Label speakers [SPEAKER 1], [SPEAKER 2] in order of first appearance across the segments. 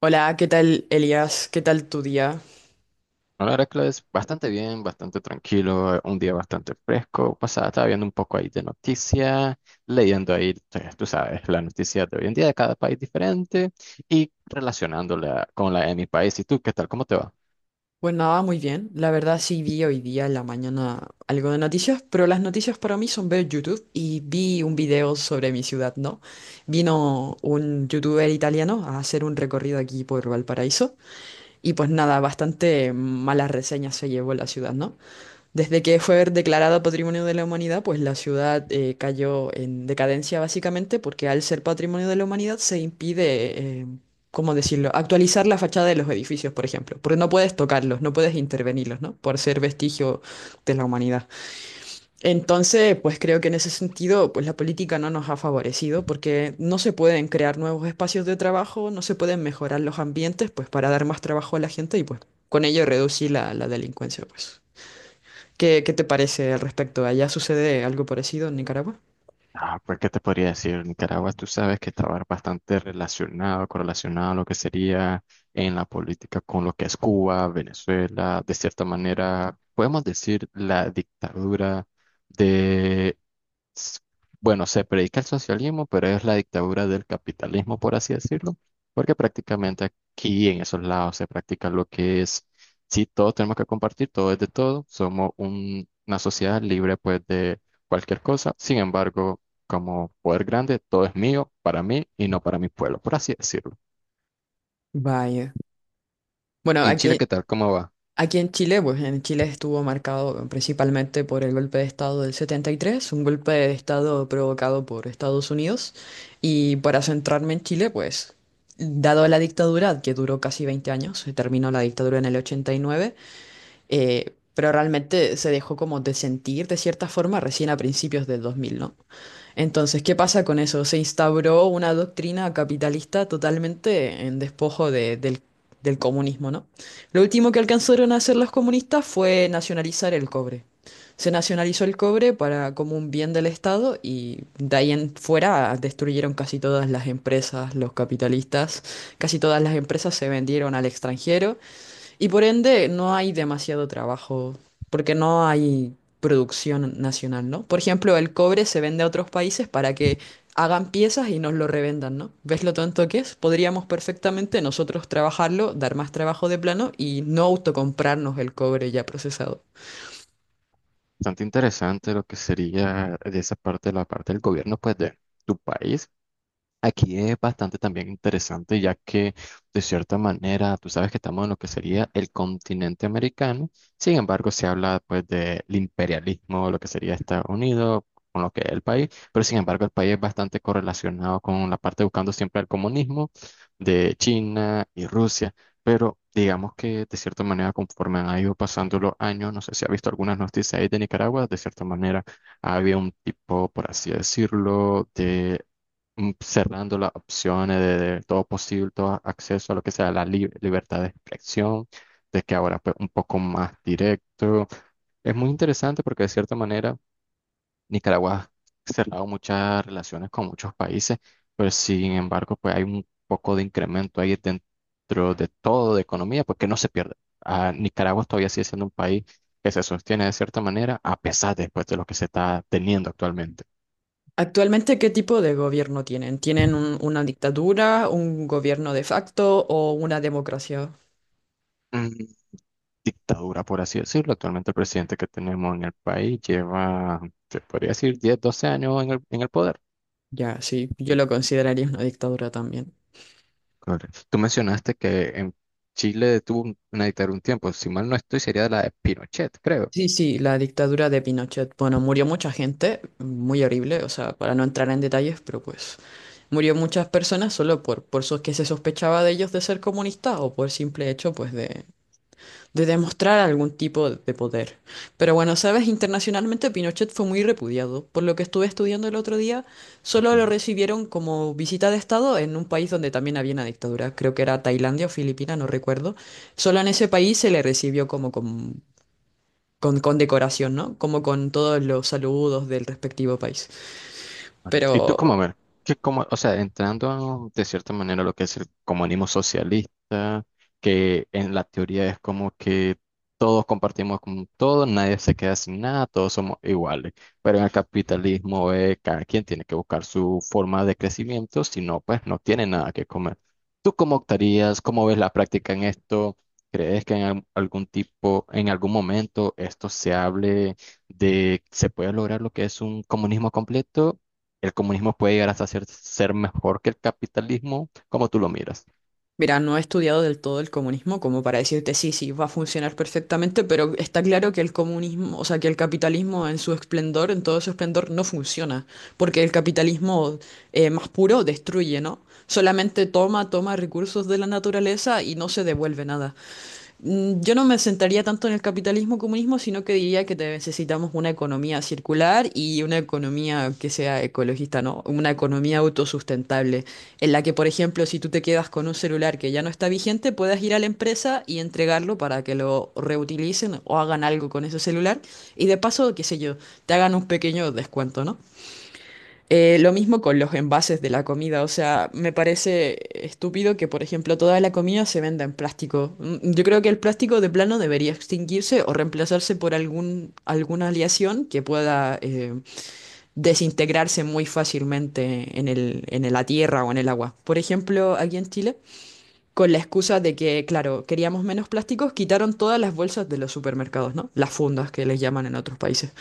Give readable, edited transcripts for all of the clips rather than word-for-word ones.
[SPEAKER 1] Hola, ¿qué tal Elias? ¿Qué tal tu día?
[SPEAKER 2] No, la verdad que lo es bastante bien, bastante tranquilo, un día bastante fresco. Pasaba, estaba viendo un poco ahí de noticias, leyendo ahí, tú sabes, las noticias de hoy en día de cada país diferente y relacionándola con la de mi país. ¿Y tú qué tal? ¿Cómo te va?
[SPEAKER 1] Pues nada, muy bien. La verdad sí vi hoy día en la mañana algo de noticias, pero las noticias para mí son ver YouTube y vi un video sobre mi ciudad, ¿no? Vino un youtuber italiano a hacer un recorrido aquí por Valparaíso y pues nada, bastante malas reseñas se llevó la ciudad, ¿no? Desde que fue declarada Patrimonio de la Humanidad, pues la ciudad cayó en decadencia básicamente porque al ser Patrimonio de la Humanidad se impide, ¿cómo decirlo?, actualizar la fachada de los edificios, por ejemplo, porque no puedes tocarlos, no puedes intervenirlos, ¿no? Por ser vestigio de la humanidad. Entonces, pues creo que en ese sentido, pues la política no nos ha favorecido porque no se pueden crear nuevos espacios de trabajo, no se pueden mejorar los ambientes, pues para dar más trabajo a la gente y pues con ello reducir la delincuencia, pues. ¿Qué te parece al respecto? ¿Allá sucede algo parecido en Nicaragua?
[SPEAKER 2] Ah, pues, ¿qué te podría decir? Nicaragua, tú sabes que estaba bastante relacionado, correlacionado a lo que sería en la política con lo que es Cuba, Venezuela, de cierta manera, podemos decir la dictadura de, s- bueno, se predica el socialismo, pero es la dictadura del capitalismo, por así decirlo, porque prácticamente aquí en esos lados se practica lo que es, si todos tenemos que compartir, todo es de todo, somos una sociedad libre pues de cualquier cosa, sin embargo como poder grande, todo es mío, para mí y no para mi pueblo, por así decirlo.
[SPEAKER 1] Vaya. Bueno,
[SPEAKER 2] ¿Y en Chile
[SPEAKER 1] aquí,
[SPEAKER 2] qué tal? ¿Cómo va?
[SPEAKER 1] aquí en Chile, pues en Chile estuvo marcado principalmente por el golpe de Estado del 73, un golpe de Estado provocado por Estados Unidos. Y para centrarme en Chile, pues, dado la dictadura, que duró casi 20 años, se terminó la dictadura en el 89, pero realmente se dejó como de sentir de cierta forma recién a principios del 2000, ¿no? Entonces, ¿qué pasa con eso? Se instauró una doctrina capitalista totalmente en despojo del comunismo, ¿no? Lo último que alcanzaron a hacer los comunistas fue nacionalizar el cobre. Se nacionalizó el cobre para, como un bien del Estado y de ahí en fuera destruyeron casi todas las empresas, los capitalistas, casi todas las empresas se vendieron al extranjero y por ende, no hay demasiado trabajo, porque no hay producción nacional, ¿no? Por ejemplo, el cobre se vende a otros países para que hagan piezas y nos lo revendan, ¿no? ¿Ves lo tonto que es? Podríamos perfectamente nosotros trabajarlo, dar más trabajo de plano y no autocomprarnos el cobre ya procesado.
[SPEAKER 2] Bastante interesante lo que sería de esa parte, la parte del gobierno, pues de tu país. Aquí es bastante también interesante, ya que de cierta manera tú sabes que estamos en lo que sería el continente americano, sin embargo se habla pues del imperialismo, lo que sería Estados Unidos, con lo que es el país, pero sin embargo el país es bastante correlacionado con la parte buscando siempre el comunismo de China y Rusia, pero digamos que de cierta manera conforme han ido pasando los años, no sé si ha visto algunas noticias ahí de Nicaragua, de cierta manera había un tipo, por así decirlo, de cerrando las opciones de todo posible, todo acceso a lo que sea la libertad de expresión, de que ahora pues un poco más directo. Es muy interesante porque de cierta manera Nicaragua ha cerrado muchas relaciones con muchos países, pero sin embargo pues hay un poco de incremento ahí dentro de todo de economía, porque no se pierde. Ah, Nicaragua todavía sigue siendo un país que se sostiene de cierta manera a pesar después de lo que se está teniendo actualmente.
[SPEAKER 1] Actualmente, ¿qué tipo de gobierno tienen? ¿Tienen una dictadura, un gobierno de facto o una democracia?
[SPEAKER 2] Dictadura, por así decirlo. Actualmente el presidente que tenemos en el país lleva, se podría decir, 10 o 12 años en el poder.
[SPEAKER 1] Ya, sí, yo lo consideraría una dictadura también.
[SPEAKER 2] Correcto. Tú mencionaste que en Chile tuvo una dictadura un tiempo, si mal no estoy, sería la de Pinochet, creo.
[SPEAKER 1] Sí, sí, la dictadura de Pinochet. Bueno, murió mucha gente, muy horrible, o sea, para no entrar en detalles, pero pues murió muchas personas solo por que se sospechaba de ellos de ser comunistas o por simple hecho, pues, de demostrar algún tipo de poder. Pero bueno, sabes, internacionalmente Pinochet fue muy repudiado. Por lo que estuve estudiando el otro día, solo lo
[SPEAKER 2] Ujú.
[SPEAKER 1] recibieron como visita de Estado en un país donde también había una dictadura. Creo que era Tailandia o Filipinas, no recuerdo. Solo en ese país se le recibió como con decoración, ¿no? Como con todos los saludos del respectivo país.
[SPEAKER 2] Correcto. Y tú
[SPEAKER 1] Pero,
[SPEAKER 2] como, a ver, que como, o sea, entrando de cierta manera a lo que es el comunismo socialista, que en la teoría es como que todos compartimos con todo, nadie se queda sin nada, todos somos iguales. Pero en el capitalismo cada quien tiene que buscar su forma de crecimiento, si no, pues no tiene nada que comer. ¿Tú cómo optarías? ¿Cómo ves la práctica en esto? ¿Crees que en algún tipo, en algún momento esto se hable de se puede lograr lo que es un comunismo completo? El comunismo puede llegar hasta ser, ser mejor que el capitalismo, como tú lo miras.
[SPEAKER 1] mira, no he estudiado del todo el comunismo como para decirte sí, sí, va a funcionar perfectamente, pero está claro que el comunismo, o sea, que el capitalismo en su esplendor, en todo su esplendor, no funciona, porque el capitalismo más puro destruye, ¿no? Solamente toma recursos de la naturaleza y no se devuelve nada. Yo no me sentaría tanto en el capitalismo comunismo, sino que diría que necesitamos una economía circular y una economía que sea ecologista, ¿no? Una economía autosustentable, en la que, por ejemplo, si tú te quedas con un celular que ya no está vigente, puedas ir a la empresa y entregarlo para que lo reutilicen o hagan algo con ese celular y de paso, qué sé yo, te hagan un pequeño descuento, ¿no? Lo mismo con los envases de la comida, o sea, me parece estúpido que, por ejemplo, toda la comida se venda en plástico. Yo creo que el plástico de plano debería extinguirse o reemplazarse por algún, alguna aleación que pueda desintegrarse muy fácilmente en el, en la tierra o en el agua. Por ejemplo, aquí en Chile, con la excusa de que, claro, queríamos menos plásticos, quitaron todas las bolsas de los supermercados, ¿no? Las fundas que les llaman en otros países.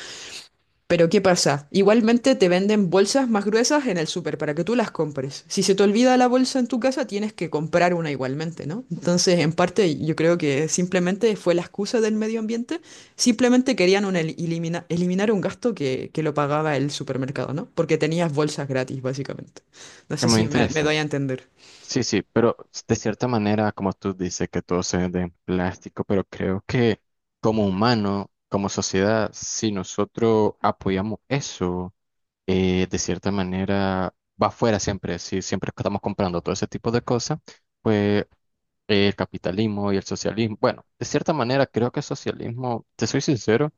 [SPEAKER 1] Pero ¿qué pasa? Igualmente te venden bolsas más gruesas en el súper para que tú las compres. Si se te olvida la bolsa en tu casa, tienes que comprar una igualmente, ¿no? Entonces, en parte, yo creo que simplemente fue la excusa del medio ambiente. Simplemente querían un eliminar un gasto que lo pagaba el supermercado, ¿no? Porque tenías bolsas gratis, básicamente. No
[SPEAKER 2] Es
[SPEAKER 1] sé
[SPEAKER 2] muy
[SPEAKER 1] si me doy
[SPEAKER 2] interesante.
[SPEAKER 1] a entender.
[SPEAKER 2] Sí, sí, pero de cierta manera, como tú dices, que todo se de plástico, pero creo que como humano, como sociedad, si nosotros apoyamos eso, de cierta manera va afuera siempre, si siempre estamos comprando todo ese tipo de cosas, pues el capitalismo y el socialismo, bueno, de cierta manera creo que el socialismo, te soy sincero,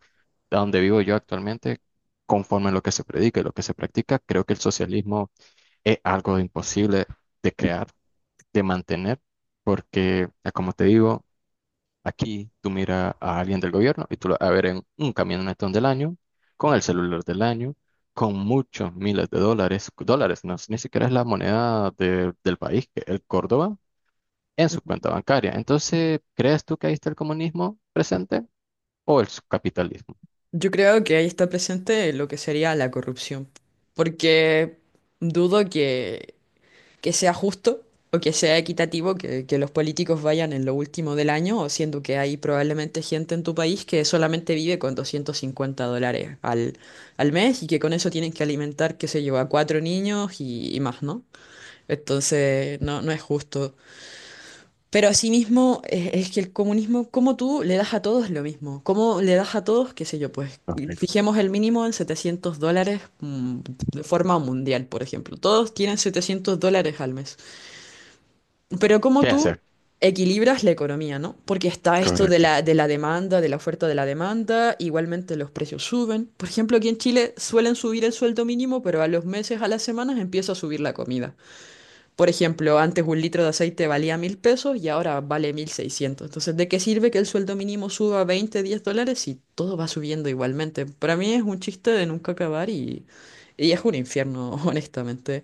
[SPEAKER 2] a donde vivo yo actualmente, conforme a lo que se predica y lo que se practica, creo que el socialismo es algo imposible de crear, de mantener, porque, ah, como te digo, aquí tú miras a alguien del gobierno y tú lo vas a ver en un camionetón del año, con el celular del año, con muchos miles de dólares, dólares, no, ni siquiera es la moneda del país, que es el Córdoba, en su cuenta bancaria. Entonces, ¿crees tú que ahí está el comunismo presente o el capitalismo?
[SPEAKER 1] Yo creo que ahí está presente lo que sería la corrupción, porque dudo que sea justo o que sea equitativo, que los políticos vayan en lo último del año, o siendo que hay probablemente gente en tu país que solamente vive con $250 al mes y que con eso tienen que alimentar, qué sé yo, a cuatro niños y más, ¿no? Entonces, no, no es justo. Pero asimismo, es que el comunismo, como tú le das a todos lo mismo? ¿Cómo le das a todos, qué sé yo, pues
[SPEAKER 2] Correcto.
[SPEAKER 1] fijemos el mínimo en $700 de forma mundial, por ejemplo? Todos tienen $700 al mes. Pero ¿cómo
[SPEAKER 2] ¿Qué
[SPEAKER 1] tú
[SPEAKER 2] hacer?
[SPEAKER 1] equilibras la economía, ¿no? Porque está esto de
[SPEAKER 2] Correcto.
[SPEAKER 1] la, de la demanda, de la oferta de la demanda, igualmente los precios suben. Por ejemplo, aquí en Chile suelen subir el sueldo mínimo, pero a los meses, a las semanas empieza a subir la comida. Por ejemplo, antes un litro de aceite valía 1.000 pesos y ahora vale 1.600. Entonces, ¿de qué sirve que el sueldo mínimo suba 20, $10 si todo va subiendo igualmente? Para mí es un chiste de nunca acabar y es un infierno, honestamente.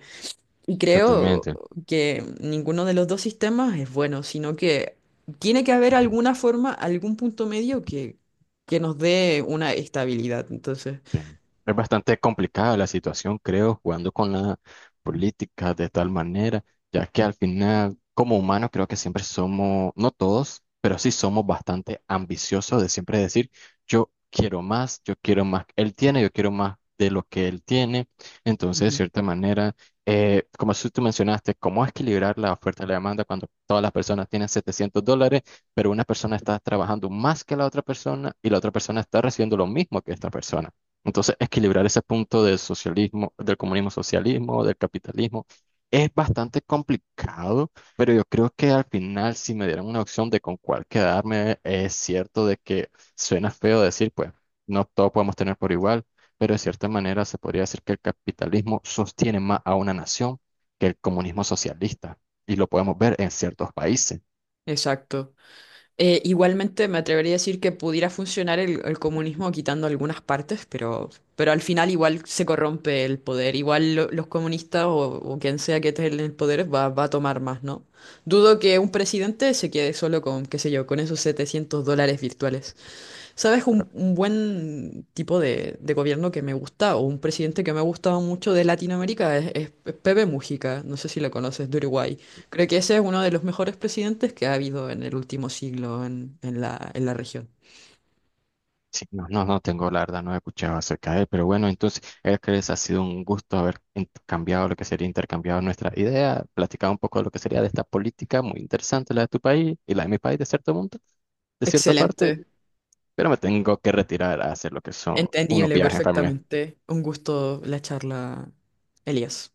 [SPEAKER 1] Y creo
[SPEAKER 2] Totalmente.
[SPEAKER 1] que ninguno de los dos sistemas es bueno, sino que tiene que haber alguna forma, algún punto medio que nos dé una estabilidad. Entonces,
[SPEAKER 2] Sí. Es bastante complicada la situación, creo, jugando con la política de tal manera, ya que al final, como humanos, creo que siempre somos, no todos, pero sí somos bastante ambiciosos de siempre decir, yo quiero más que él tiene, yo quiero más de lo que él tiene. Entonces, de
[SPEAKER 1] Ujú.
[SPEAKER 2] cierta manera, como si tú mencionaste, ¿cómo equilibrar la oferta y la demanda cuando todas las personas tienen $700, pero una persona está trabajando más que la otra persona y la otra persona está recibiendo lo mismo que esta persona? Entonces, equilibrar ese punto del socialismo, del comunismo socialismo, del capitalismo, es bastante complicado, pero yo creo que al final, si me dieran una opción de con cuál quedarme, es cierto de que suena feo decir, pues, no todos podemos tener por igual, pero de cierta manera se podría decir que el capitalismo sostiene más a una nación que el comunismo socialista, y lo podemos ver en ciertos países.
[SPEAKER 1] Exacto. Igualmente me atrevería a decir que pudiera funcionar el comunismo quitando algunas partes, pero al final igual se corrompe el poder. Igual los comunistas o quien sea que esté en el poder va a tomar más, ¿no? Dudo que un presidente se quede solo con, qué sé yo, con esos $700 virtuales. ¿Sabes? Un buen tipo de gobierno que me gusta, o un presidente que me ha gustado mucho de Latinoamérica, es Pepe Mujica, no sé si lo conoces, de Uruguay. Creo que ese es uno de los mejores presidentes que ha habido en el último siglo en la región.
[SPEAKER 2] Sí, no, no, no tengo, la verdad, no he escuchado acerca de él, pero bueno, entonces, Hércules, ha sido un gusto haber cambiado lo que sería intercambiado nuestra idea, platicado un poco de lo que sería de esta política muy interesante, la de tu país y la de mi país, de cierto punto, de cierta parte,
[SPEAKER 1] Excelente,
[SPEAKER 2] pero me tengo que retirar a hacer lo que son unos
[SPEAKER 1] entendible
[SPEAKER 2] viajes familiares.
[SPEAKER 1] perfectamente. Un gusto la charla, Elías.